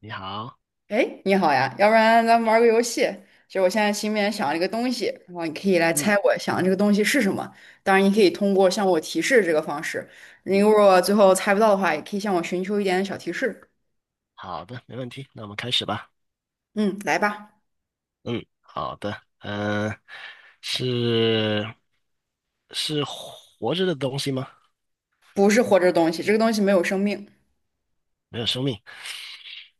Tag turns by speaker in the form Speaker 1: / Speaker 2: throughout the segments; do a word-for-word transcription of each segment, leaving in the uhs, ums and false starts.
Speaker 1: 你好，
Speaker 2: 哎，你好呀，要不然咱们玩个游戏。就我现在心里面想了一个东西，然后你可以来
Speaker 1: 嗯
Speaker 2: 猜我想的这个东西是什么。当然，你可以通过向我提示这个方式。你
Speaker 1: 嗯，
Speaker 2: 如果最后猜不到的话，也可以向我寻求一点小提示。
Speaker 1: 好的，没问题，那我们开始吧。
Speaker 2: 嗯，来吧，
Speaker 1: 嗯，好的，嗯、是是活着的东西吗？
Speaker 2: 不是活着的东西，这个东西没有生命，
Speaker 1: 没有生命。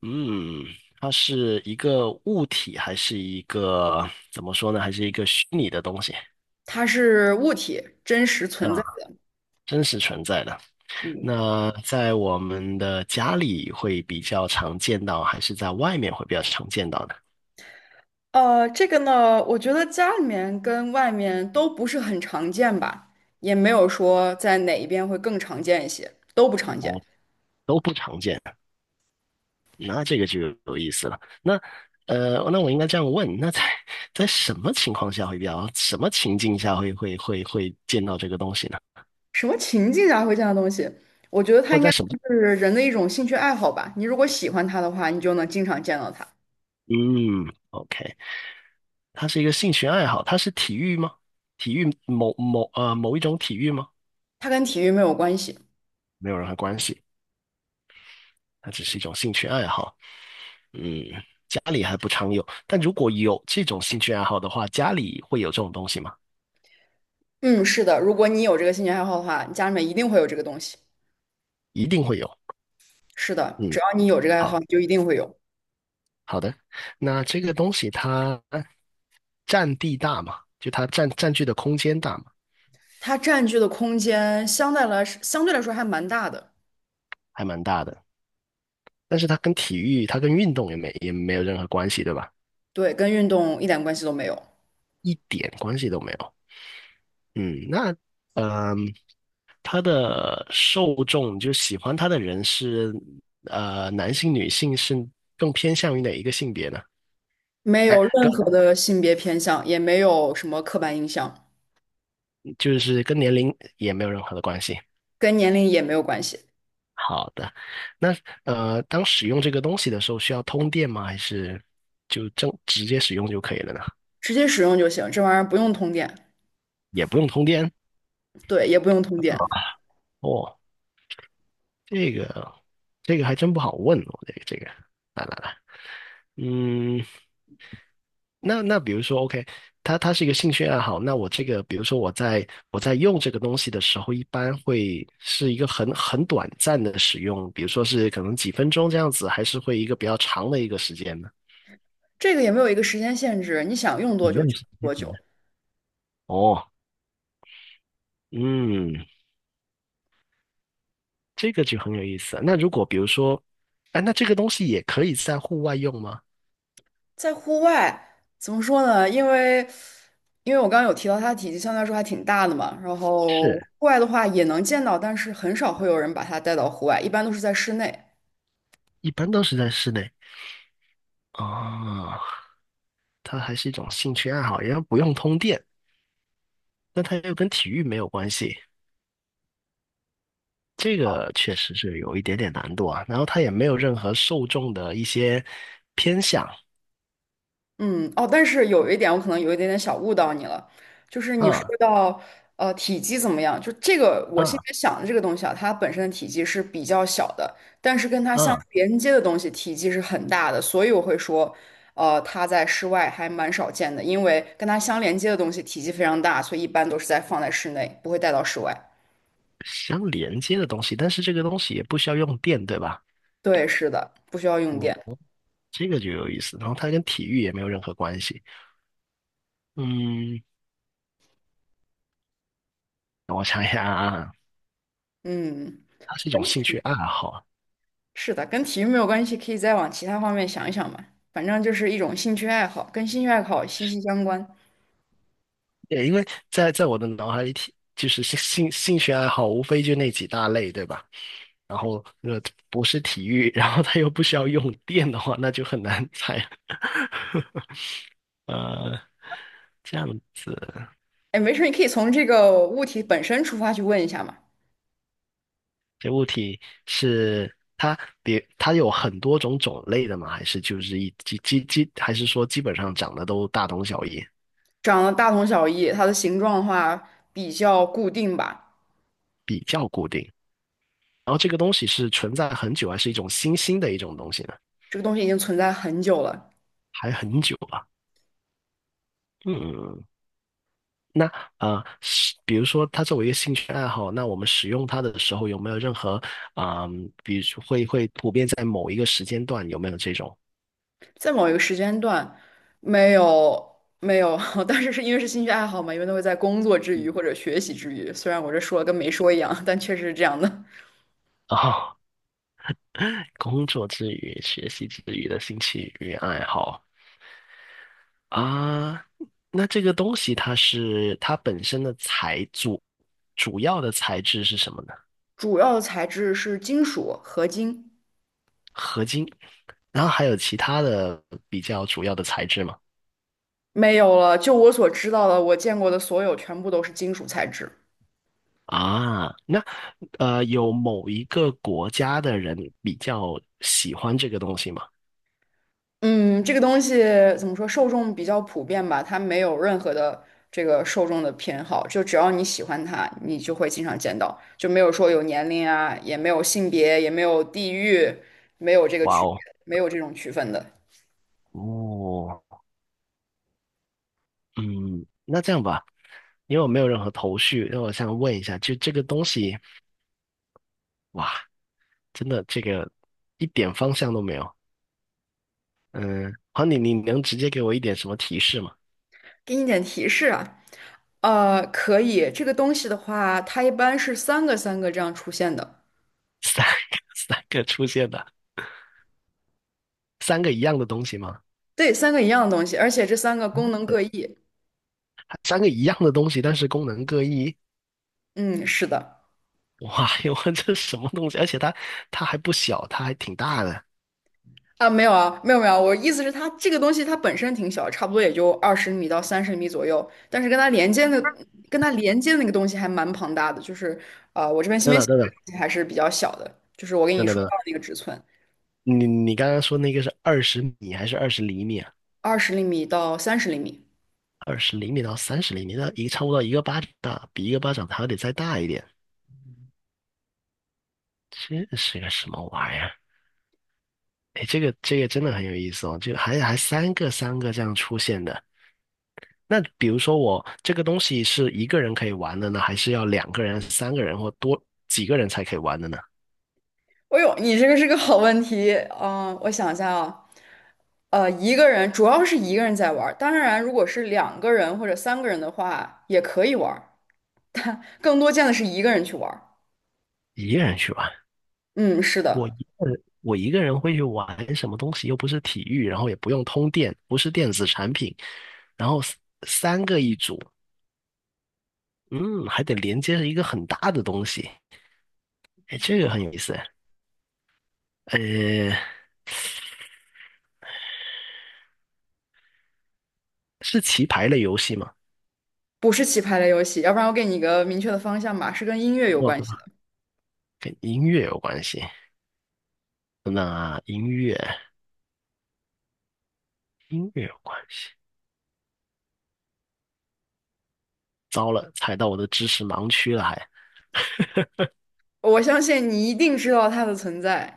Speaker 1: 嗯，它是一个物体还是一个怎么说呢？还是一个虚拟的东西
Speaker 2: 它是物体，真实
Speaker 1: 啊？
Speaker 2: 存在的。
Speaker 1: 真实存在的。
Speaker 2: 嗯，
Speaker 1: 那在我们的家里会比较常见到，还是在外面会比较常见到呢？
Speaker 2: 呃，这个呢，我觉得家里面跟外面都不是很常见吧，也没有说在哪一边会更常见一些，都不常见。
Speaker 1: 哦，都不常见。那这个就有有意思了。那呃，那我应该这样问：那在在什么情况下会比较，什么情境下会会会会见到这个东西呢？
Speaker 2: 什么情境下会见样的东西？我觉得它
Speaker 1: 或
Speaker 2: 应
Speaker 1: 者
Speaker 2: 该
Speaker 1: 在
Speaker 2: 算
Speaker 1: 什么？
Speaker 2: 是人的一种兴趣爱好吧。你如果喜欢它的话，你就能经常见到它。
Speaker 1: 嗯，OK，它是一个兴趣爱好，它是体育吗？体育某某呃某一种体育吗？
Speaker 2: 它跟体育没有关系。
Speaker 1: 没有任何关系，它只是一种兴趣爱好。嗯，家里还不常有，但如果有这种兴趣爱好的话，家里会有这种东西吗？
Speaker 2: 嗯，是的，如果你有这个兴趣爱好的话，你家里面一定会有这个东西。
Speaker 1: 一定会有。
Speaker 2: 是的，只
Speaker 1: 嗯，
Speaker 2: 要你有这个爱好，
Speaker 1: 好
Speaker 2: 你就一定会有。
Speaker 1: 好的。那这个东西它占地大嘛，就它占占据的空间大嘛，
Speaker 2: 它占据的空间相对来相对来说还蛮大的，
Speaker 1: 还蛮大的。但是它跟体育，它跟运动也没也没有任何关系，对吧？
Speaker 2: 对，跟运动一点关系都没有，
Speaker 1: 一点关系都没有。嗯，那嗯，它的受众就喜欢它的人是呃男性、女性是更偏向于哪一个性别呢？
Speaker 2: 没
Speaker 1: 哎，
Speaker 2: 有任
Speaker 1: 跟
Speaker 2: 何的性别偏向，也没有什么刻板印象，
Speaker 1: 就是跟年龄也没有任何的关系。
Speaker 2: 跟年龄也没有关系，
Speaker 1: 好的，那呃，当使用这个东西的时候，需要通电吗？还是就正直接使用就可以了呢？
Speaker 2: 直接使用就行。这玩意儿不用通电，
Speaker 1: 也不用通电
Speaker 2: 对，也不用通
Speaker 1: 啊
Speaker 2: 电。
Speaker 1: 哦，这个这个还真不好问哦，这个这个，来来来，嗯，那那比如说，OK，它它是一个兴趣爱好，那我这个，比如说我在我在用这个东西的时候，一般会是一个很很短暂的使用，比如说是可能几分钟这样子，还是会一个比较长的一个时间呢？
Speaker 2: 这个也没有一个时间限制，你想用
Speaker 1: 有
Speaker 2: 多久
Speaker 1: 没有
Speaker 2: 就用
Speaker 1: 时间
Speaker 2: 多
Speaker 1: 真的？
Speaker 2: 久。
Speaker 1: 哦，嗯，这个就很有意思。那如果比如说，哎，那这个东西也可以在户外用吗？
Speaker 2: 在户外怎么说呢？因为因为我刚刚有提到它的体积相对来说还挺大的嘛，然后
Speaker 1: 是，
Speaker 2: 户外的话也能见到，但是很少会有人把它带到户外，一般都是在室内。
Speaker 1: 一般都是在室内。啊。它还是一种兴趣爱好，也不用通电，但它又跟体育没有关系，这个确实是有一点点难度啊。然后它也没有任何受众的一些偏向，
Speaker 2: 嗯，哦，但是有一点，我可能有一点点小误导你了，就是你说
Speaker 1: 嗯
Speaker 2: 到呃体积怎么样，就这个我
Speaker 1: 嗯
Speaker 2: 现在想的这个东西啊，它本身的体积是比较小的，但是跟它相
Speaker 1: 嗯，
Speaker 2: 连接的东西体积是很大的，所以我会说，呃，它在室外还蛮少见的，因为跟它相连接的东西体积非常大，所以一般都是在放在室内，不会带到室外。
Speaker 1: 相连接的东西，但是这个东西也不需要用电，对吧？
Speaker 2: 对，是的，不需要用电。
Speaker 1: 哦，这个就有意思。然后它跟体育也没有任何关系。嗯，我想一下啊，
Speaker 2: 嗯。
Speaker 1: 它是一种兴趣爱好。
Speaker 2: 是的，跟体育没有关系，可以再往其他方面想一想嘛。反正就是一种兴趣爱好，跟兴趣爱好息息相关。
Speaker 1: 对，因为在在我的脑海里体，就是兴兴兴趣爱好，无非就那几大类，对吧？然后那个不是体育，然后它又不需要用电的话，那就很难猜了。呃，这样子，
Speaker 2: 哎，没事儿，你可以从这个物体本身出发去问一下嘛。
Speaker 1: 这物体是它别它有很多种种类的吗？还是就是一基基基，还是说基本上长得都大同小异，
Speaker 2: 长得大同小异，它的形状的话比较固定吧。
Speaker 1: 比较固定？然后这个东西是存在很久，还是一种新兴的一种东西呢？
Speaker 2: 这个东西已经存在很久了，
Speaker 1: 还很久吧。嗯，那啊、呃是比如说它作为一个兴趣爱好，那我们使用它的时候有没有任何啊、比如说会会普遍在某一个时间段有没有这种
Speaker 2: 在某一个时间段，没有没有，但是是因为是兴趣爱好嘛，因为都会在工作之余或者学习之余。虽然我这说了跟没说一样，但确实是这样的。
Speaker 1: 啊 工作之余、学习之余的兴趣与爱好啊？那这个东西它是它本身的材主主要的材质是什么呢？
Speaker 2: 主要的材质是金属合金。
Speaker 1: 合金，然后还有其他的比较主要的材质吗？
Speaker 2: 没有了，就我所知道的，我见过的所有全部都是金属材质。
Speaker 1: 啊，那呃，有某一个国家的人比较喜欢这个东西吗？
Speaker 2: 嗯，这个东西怎么说，受众比较普遍吧，它没有任何的这个受众的偏好，就只要你喜欢它，你就会经常见到，就没有说有年龄啊，也没有性别，也没有地域，没有这个
Speaker 1: 哇
Speaker 2: 区别，
Speaker 1: 哦，
Speaker 2: 没有这种区分的。
Speaker 1: 哦，嗯，那这样吧，因为我没有任何头绪，那我想问一下，就这个东西，哇，真的这个一点方向都没有。嗯，好，你你能直接给我一点什么提示吗？
Speaker 2: 给你点提示啊，呃，可以，这个东西的话，它一般是三个三个这样出现的，
Speaker 1: 三个三个出现的，三个一样的东西吗？
Speaker 2: 对，三个一样的东西，而且这三个功能各异。
Speaker 1: 三个一样的东西，但是功能各异。
Speaker 2: 嗯，是的。
Speaker 1: 哇哟，这什么东西？而且它它还不小，它还挺大的。
Speaker 2: 啊，没有啊，没有没有，我意思是它这个东西它本身挺小，差不多也就二十米到三十米左右，但是跟它连接的跟它连接的那个东西还蛮庞大的，就是呃，我这边先
Speaker 1: 等
Speaker 2: 别想
Speaker 1: 等等
Speaker 2: 这
Speaker 1: 等
Speaker 2: 个东西还是比较小的，就是我跟
Speaker 1: 等
Speaker 2: 你
Speaker 1: 等
Speaker 2: 说
Speaker 1: 等
Speaker 2: 到
Speaker 1: 等，
Speaker 2: 的那个尺寸，
Speaker 1: 你你刚刚说那个是二十米还是二十厘米啊？
Speaker 2: 二十厘米到三十厘米。
Speaker 1: 二十厘米到三十厘米，那一差不多一个巴掌大，比一个巴掌还得再大一点。这是个什么玩意儿？哎，这个这个真的很有意思哦，就还还三个三个这样出现的。那比如说我这个东西是一个人可以玩的呢，还是要两个人、三个人或多几个人才可以玩的呢？
Speaker 2: 哎呦，你这个是个好问题，啊，我想一下啊，呃，一个人主要是一个人在玩儿，当然如果是两个人或者三个人的话也可以玩儿，更多见的是一个人去玩儿。
Speaker 1: 一个人去玩。
Speaker 2: 嗯，是
Speaker 1: 我一
Speaker 2: 的。
Speaker 1: 个人，我一个人会去玩什么东西？又不是体育，然后也不用通电，不是电子产品，然后 s- 三个一组，嗯，还得连接着一个很大的东西，哎，这个很有意思。呃，是棋牌类游戏吗？
Speaker 2: 不是棋牌类游戏，要不然我给你一个明确的方向吧，是跟音乐有
Speaker 1: 不，
Speaker 2: 关系的。
Speaker 1: 跟音乐有关系。那音乐，音乐有关系。糟了，踩到我的知识盲区了还。
Speaker 2: 我相信你一定知道它的存在，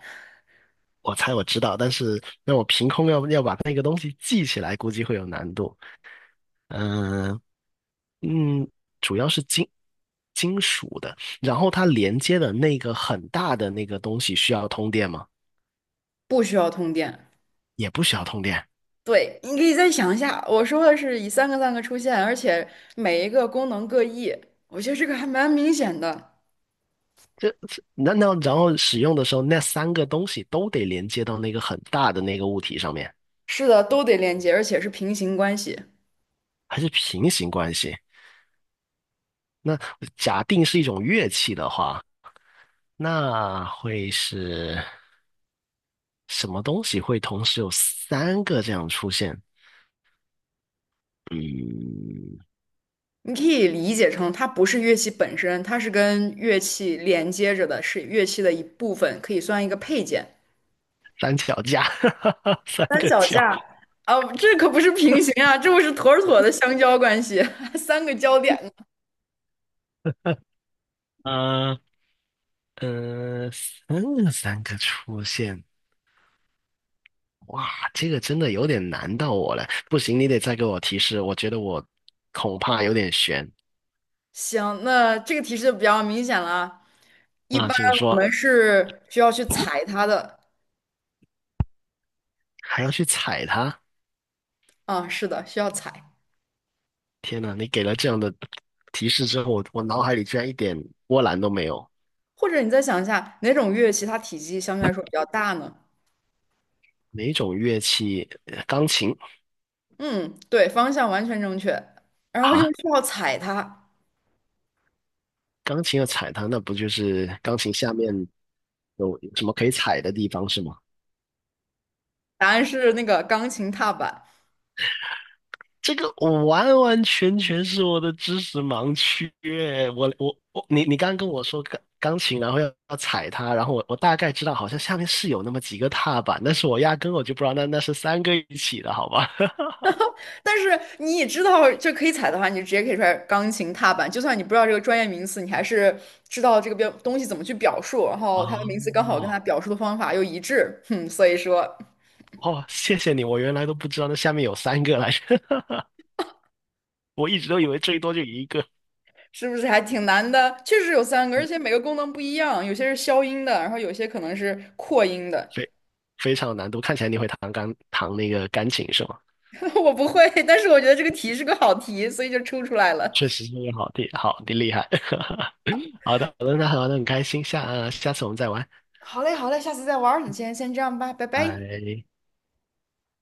Speaker 1: 我猜我知道，但是让我凭空要要把那个东西记起来，估计会有难度。嗯、嗯，主要是金金属的，然后它连接的那个很大的那个东西需要通电吗？
Speaker 2: 不需要通电。
Speaker 1: 也不需要通电。
Speaker 2: 对，你可以再想一下，我说的是以三个三个出现，而且每一个功能各异，我觉得这个还蛮明显的。
Speaker 1: 这这难道然后使用的时候那三个东西都得连接到那个很大的那个物体上面，
Speaker 2: 是的，都得连接，而且是平行关系。
Speaker 1: 还是平行关系？那假定是一种乐器的话，那会是什么东西会同时有三个这样出现？嗯，
Speaker 2: 你可以理解成它不是乐器本身，它是跟乐器连接着的，是乐器的一部分，可以算一个配件。
Speaker 1: 三脚架，三
Speaker 2: 三
Speaker 1: 个
Speaker 2: 脚
Speaker 1: 脚。
Speaker 2: 架啊，这可不是平行啊，这不是妥妥的相交关系，三个交点呢。
Speaker 1: 嗯，呃，三个三个出现，哇，这个真的有点难到我了。不行，你得再给我提示，我觉得我恐怕有点悬
Speaker 2: 行，那这个提示就比较明显了啊。一
Speaker 1: 啊，
Speaker 2: 般
Speaker 1: 请
Speaker 2: 我
Speaker 1: 说。
Speaker 2: 们是需要去踩它的
Speaker 1: 还要去踩它？
Speaker 2: 啊，是的，需要踩。
Speaker 1: 天哪，你给了这样的提示之后，我我脑海里居然一点波澜都没有。
Speaker 2: 或者你再想一下，哪种乐器它体积相对来说比较大呢？
Speaker 1: 哪种乐器？呃钢琴
Speaker 2: 嗯，对，方向完全正确。然后又
Speaker 1: 啊，
Speaker 2: 需要踩它，
Speaker 1: 钢琴要踩它，那不就是钢琴下面有有什么可以踩的地方是吗？
Speaker 2: 答案是那个钢琴踏板。
Speaker 1: 这个完完全全是我的知识盲区耶我我我，你你刚刚跟我说钢钢琴，然后要要踩它，然后我我大概知道好像下面是有那么几个踏板，但是我压根我就不知道那那是三个一起的，好吧？
Speaker 2: 但是你也知道，就可以踩的话，你就直接可以出来钢琴踏板。就算你不知道这个专业名词，你还是知道这个标东西怎么去表述，然后它的名词刚好跟
Speaker 1: 哦
Speaker 2: 它表述的方法又一致，哼，所以说
Speaker 1: 哦，谢谢你，我原来都不知道那下面有三个来着，我一直都以为最多就一个，
Speaker 2: 是不是还挺难的？确实有三个，而且每个功能不一样，有些是消音的，然后有些可能是扩音的。
Speaker 1: 非非常有难度。看起来你会弹钢弹那个钢琴是吗？
Speaker 2: 我不会，但是我觉得这个题是个好题，所以就出出来了。
Speaker 1: 确实是个好地好的厉害。好的好的，那好的，那很开心，下呃下次我们再玩。
Speaker 2: 好嘞，好嘞，下次再玩儿。你先先这样吧，拜拜。
Speaker 1: 哎，